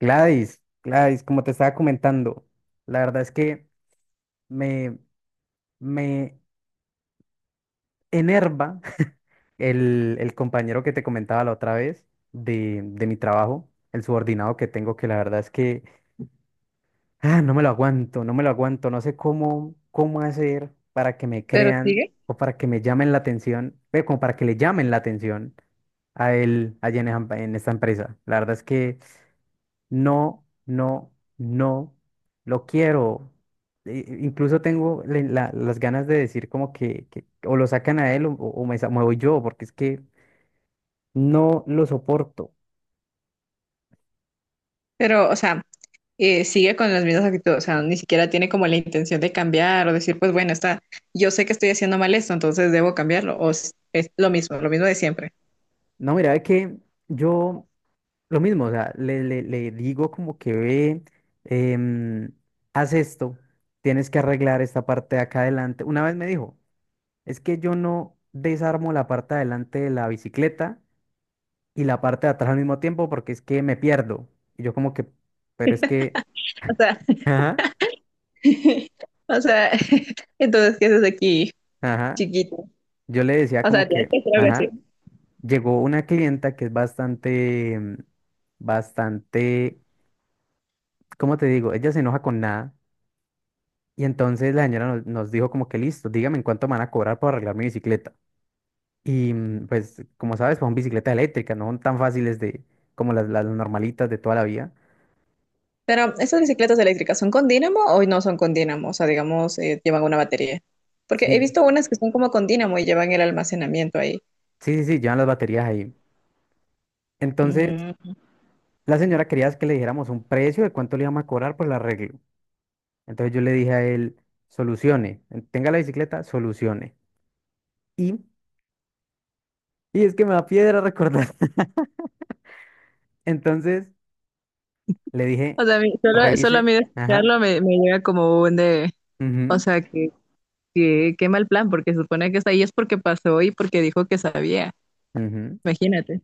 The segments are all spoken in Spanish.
Gladys, Gladys, como te estaba comentando, la verdad es que me, me enerva el compañero que te comentaba la otra vez de mi trabajo, el subordinado que tengo, que la verdad es que no me lo aguanto, no me lo aguanto, no sé cómo, cómo hacer para que me Pero crean sigue. o para que me llamen la atención, como para que le llamen la atención a él allá en esta empresa. La verdad es que no, no, no, lo quiero. Incluso tengo las ganas de decir como que o lo sacan a él o, me voy yo, porque es que no lo soporto. Pero, o sea, sigue con las mismas actitudes. O sea, ni siquiera tiene como la intención de cambiar o decir, pues bueno, está, yo sé que estoy haciendo mal esto, entonces debo cambiarlo, es lo mismo de siempre. No, mira, es que yo lo mismo, o sea, le digo como que ve, em, haz esto, tienes que arreglar esta parte de acá adelante. Una vez me dijo, es que yo no desarmo la parte de adelante de la bicicleta y la parte de atrás al mismo tiempo porque es que me pierdo. Y yo como que, pero es que, O sea, ajá, o sea, entonces, ¿qué haces aquí, ajá. chiquito? Yo le decía O como sea, tienes que, que hacer algo así. ajá. Llegó una clienta que es bastante, bastante, ¿cómo te digo? Ella se enoja con nada. Y entonces la señora nos dijo como que listo, dígame en cuánto me van a cobrar por arreglar mi bicicleta. Y pues, como sabes, pues, son bicicletas eléctricas, no son tan fáciles de, como las normalitas de toda la vida. Pero, ¿esas bicicletas eléctricas son con dínamo o no son con dínamo? O sea, digamos, llevan una batería. Porque he Sí, sí, visto unas que son como con dínamo y llevan el almacenamiento ahí. sí, sí, llevan las baterías ahí. Entonces, Mm. la señora quería que le dijéramos un precio de cuánto le íbamos a cobrar por el arreglo. Entonces yo le dije a él, solucione, tenga la bicicleta, solucione. Y, y es que me da piedra recordar. Entonces le dije, O sea, solo, solo a revise, mí de ajá, escucharlo me llega como un de, o ujú, sea, que, qué mal plan, porque se supone que está ahí es porque pasó y porque dijo que sabía, ujú. imagínate.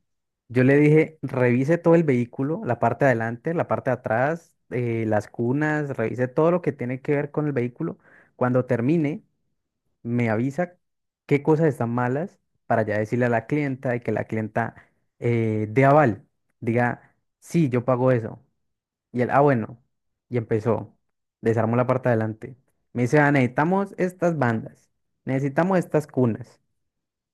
Yo le dije, revise todo el vehículo, la parte de adelante, la parte de atrás, las cunas, revise todo lo que tiene que ver con el vehículo. Cuando termine, me avisa qué cosas están malas para ya decirle a la clienta y que la clienta dé aval, diga, sí, yo pago eso. Y él, ah, bueno, y empezó, desarmó la parte de adelante. Me dice, ah, necesitamos estas bandas, necesitamos estas cunas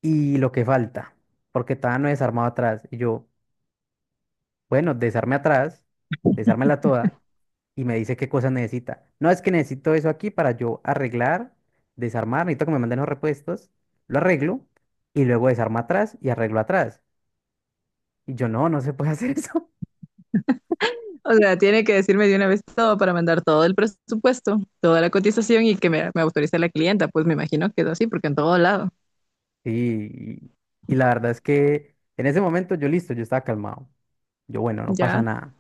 y lo que falta, porque todavía no he desarmado atrás. Y yo, bueno, desarme atrás, desármela toda y me dice qué cosas necesita. No, es que necesito eso aquí para yo arreglar, desarmar, necesito que me manden los repuestos, lo arreglo y luego desarma atrás y arreglo atrás. Y yo no, no se puede hacer eso. O sea, tiene que decirme de una vez todo para mandar todo el presupuesto, toda la cotización y que me autorice la clienta, pues me imagino que es así, porque en todo lado, Sí, y la verdad es que en ese momento yo listo, yo estaba calmado. Yo, bueno, no pasa ya, nada.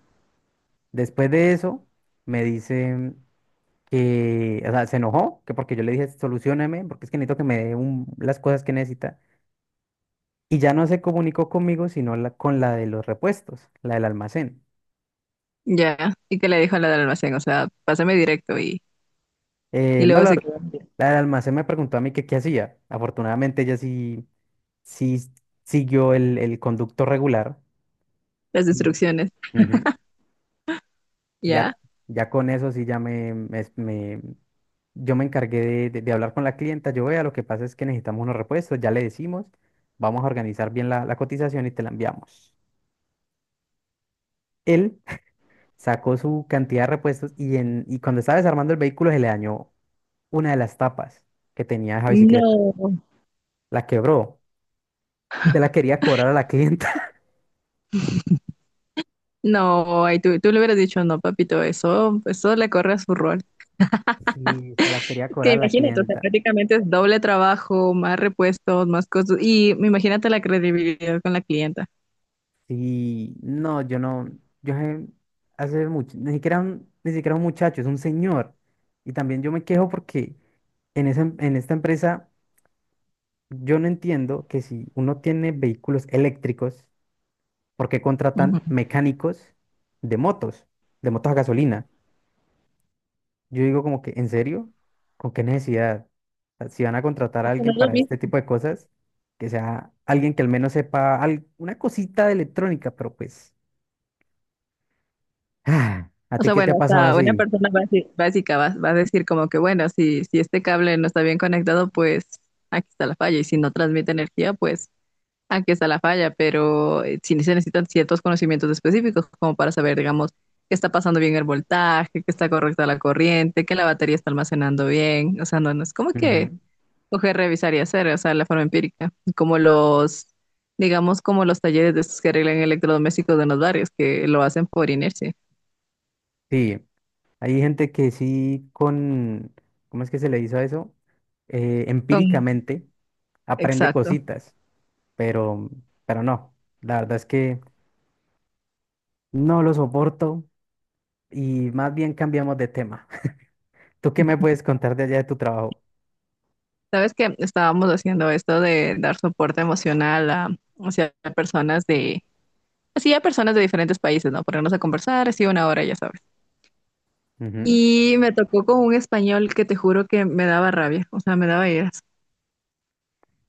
Después de eso, me dice que, o sea, se enojó, que porque yo le dije, solucioneme, porque es que necesito que me las cosas que necesita. Y ya no se comunicó conmigo, sino con la de los repuestos, la del almacén. ya. ¿Y que le dijo a la del almacén? O sea, pásame directo y No, luego se quedan la del almacén me preguntó a mí que qué hacía. Afortunadamente ella sí, sí siguió el conducto regular las y instrucciones, ujú, y ya. ya, ya con eso sí ya yo me encargué de hablar con la clienta. Yo vea, lo que pasa es que necesitamos unos repuestos, ya le decimos, vamos a organizar bien la cotización y te la enviamos. Él sacó su cantidad de repuestos y cuando estaba desarmando el vehículo se le dañó una de las tapas que tenía esa bicicleta. No. La quebró. Y se la quería cobrar a la clienta. No, ay, tú le hubieras dicho, no, papito, eso le corre a su rol. Sí, se la quería Que cobrar a la imagínate, o sea, clienta. prácticamente es doble trabajo, más repuestos, más cosas. Y imagínate la credibilidad con la clienta. Sí, no, yo sé- hace mucho, ni siquiera un, ni siquiera un muchacho, es un señor. Y también yo me quejo porque en en esta empresa yo no entiendo que si uno tiene vehículos eléctricos, ¿por qué Ujú. contratan mecánicos de motos, de motos a gasolina? Yo digo como que, ¿en serio? ¿Con qué necesidad? O sea, si van a contratar a Es que no alguien es lo para este mismo. tipo de cosas, que sea alguien que al menos sepa una cosita de electrónica, pero pues, ah, ¿a O ti sea, qué te bueno, ha o pasado sea, una así? persona básica va, va a decir como que, bueno, si, si este cable no está bien conectado, pues aquí está la falla. Y si no transmite energía, pues aquí está la falla. Pero sí se necesitan ciertos conocimientos específicos como para saber, digamos, que está pasando bien el voltaje, que está correcta la corriente, que la batería está almacenando bien. O sea, no, no es como que Ujú. coger revisar y hacer, o sea, la forma empírica, como los, digamos, como los talleres de estos que arreglan electrodomésticos de los barrios, que lo hacen por inercia. Sí, hay gente que sí con, ¿cómo es que se le hizo a eso? Con- Empíricamente aprende exacto. cositas, pero, pero no, la verdad es que no lo soporto y más bien cambiamos de tema. ¿Tú qué me puedes contar de allá de tu trabajo? Sabes que estábamos haciendo esto de dar soporte emocional a, hacia personas de, así a personas de diferentes países, ¿no? Ponernos a conversar, así una hora, ya sabes. Ujú. Y me tocó con un español que te juro que me daba rabia, o sea, me daba iras.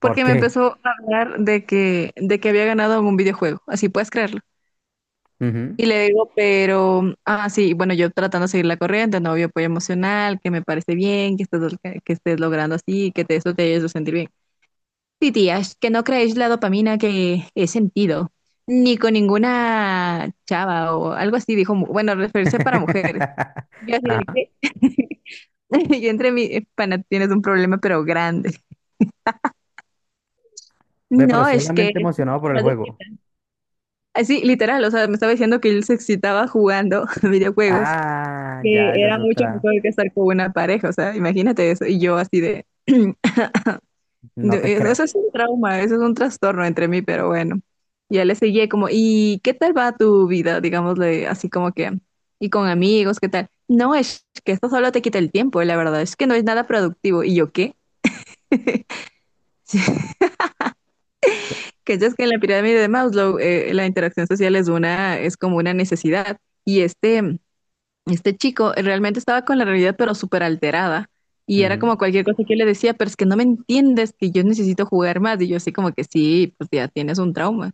¿Por me qué? empezó a hablar de de que había ganado en un videojuego. Así puedes creerlo. Ujú. Y le digo, pero, ah, sí, bueno, yo tratando de seguir la corriente, no, obvio, apoyo emocional, que me parece bien, que estés logrando así, que te, eso te ayude a sentir bien. Sí, tías, que no creéis la dopamina que he sentido, ni con ninguna chava o algo así, dijo, bueno, referirse para mujeres. Yo así Ajá. de qué. Y entre mi pana, tienes un problema, pero grande. Ve, pero No, es que solamente es emocionado mucho por el más juego. excitante. Así, literal, o sea, me estaba diciendo que él se excitaba jugando videojuegos, Ah, ya, que esa es era mucho otra. mejor que estar con una pareja, o sea, imagínate eso, y yo así de, No te eso, creo. eso es un trauma, eso es un trastorno entre mí, pero bueno, ya le seguí como, ¿y qué tal va tu vida? Digámosle así como que, y con amigos, ¿qué tal? No, es que esto solo te quita el tiempo, la verdad, es que no es nada productivo, ¿y yo qué? Que es que en la pirámide de Maslow, la interacción social es una, es como una necesidad, y este... Este chico realmente estaba con la realidad, pero súper alterada. Y era Ujú. como cualquier cosa que yo le decía, pero es que no me entiendes, que yo necesito jugar más. Y yo así como que sí, pues ya tienes un trauma.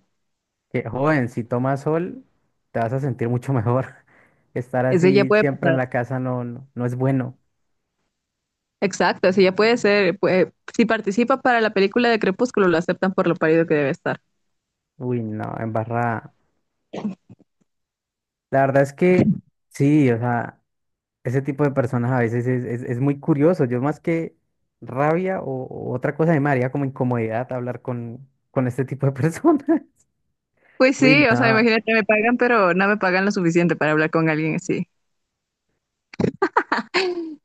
Que, joven, si tomas sol, te vas a sentir mucho mejor. Estar Ese ya así puede siempre en pasar. la casa no, no, no es bueno. Exacto, ese ya puede ser. Si participa para la película de Crepúsculo, lo aceptan por lo parido que debe estar. Uy, no, embarrada. La verdad es que sí, o sea, ese tipo de personas a veces es muy curioso. Yo más que rabia o otra cosa, a mí me haría como incomodidad hablar con este tipo de personas. Pues Uy, sí, o sea, no. imagínate, me pagan, pero no me pagan lo suficiente para hablar con alguien así.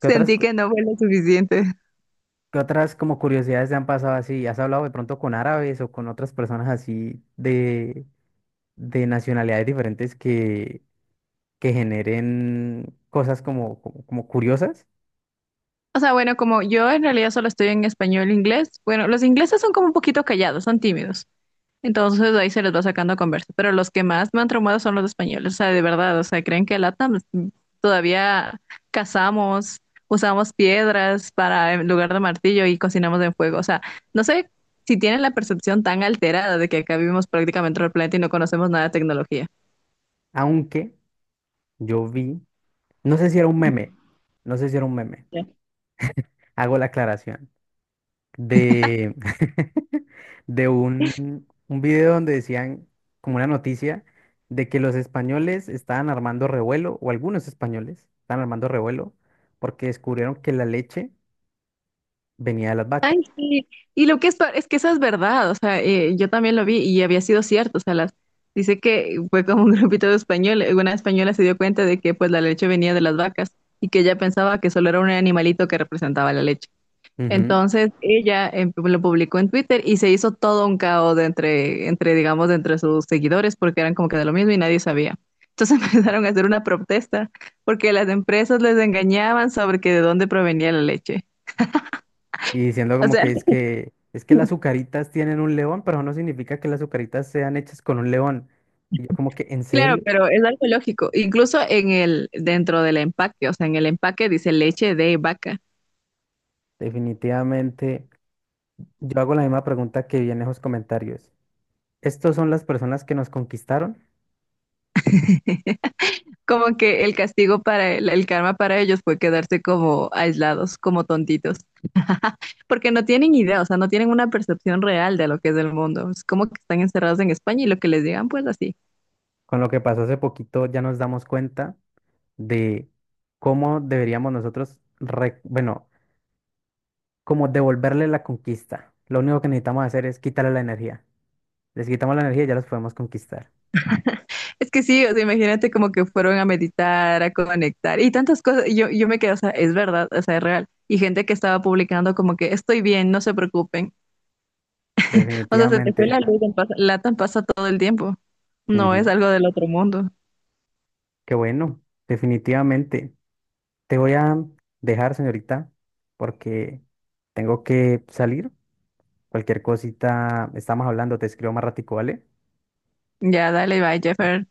¿Qué otras, cu- que no fue lo suficiente. ¿qué otras como curiosidades te han pasado así? ¿Has hablado de pronto con árabes o con otras personas así de nacionalidades diferentes que generen cosas como, como, como curiosas? O sea, bueno, como yo en realidad solo estoy en español e inglés, bueno, los ingleses son como un poquito callados, son tímidos. Entonces ahí se les va sacando conversa. Pero los que más me han traumado son los españoles, o sea, de verdad, o sea, creen que LATAM todavía cazamos, usamos piedras para en lugar de martillo y cocinamos en fuego. O sea, no sé si tienen la percepción tan alterada de que acá vivimos prácticamente en el planeta y no conocemos nada de tecnología. Aunque yo vi, no sé si era un meme, no sé si era un meme, hago la aclaración. De, de un video donde decían, como una noticia, de que los españoles estaban armando revuelo, o algunos españoles estaban armando revuelo, porque descubrieron que la leche venía de las Ay, vacas. sí. Y lo que es, es que eso es verdad, o sea, yo también lo vi y había sido cierto, o sea, las, dice que fue como un grupito de españoles, una española se dio cuenta de que pues la leche venía de las vacas y que ella pensaba que solo era un animalito que representaba la leche. Ujú. Entonces ella lo publicó en Twitter y se hizo todo un caos de entre, digamos, de entre sus seguidores porque eran como que de lo mismo y nadie sabía. Entonces empezaron a hacer una protesta porque las empresas les engañaban sobre que de dónde provenía la leche. Y diciendo O como sea, que es que las azucaritas tienen un león, pero no significa que las azucaritas sean hechas con un león. Y yo como que, ¿en claro, serio? pero es algo lógico. Incluso en el, dentro del empaque, o sea, en el empaque dice leche de vaca. Definitivamente, yo hago la misma pregunta que vi en esos comentarios. ¿Estos son las personas que nos conquistaron? Como que el castigo para el karma para ellos fue quedarse como aislados, como tontitos. Porque no tienen idea, o sea, no tienen una percepción real de lo que es el mundo. Es como que están encerrados en España y lo que les digan, pues así. Con lo que pasó hace poquito ya nos damos cuenta de cómo deberíamos nosotros, bueno, como devolverle la conquista. Lo único que necesitamos hacer es quitarle la energía. Les quitamos la energía y ya los podemos conquistar. Es que sí, o sea, imagínate como que fueron a meditar, a conectar y tantas cosas. Y yo me quedé, o sea, es verdad, o sea, es real. Y gente que estaba publicando como que estoy bien, no se preocupen. O sea, se te fue la Definitivamente. luz, en latan pasa todo el tiempo. No es Ujú. algo del otro mundo. Qué bueno, definitivamente. Te voy a dejar, señorita, porque tengo que salir. Cualquier cosita, estamos hablando, te escribo más ratico, ¿vale? Ya, dale, bye, Jeffer.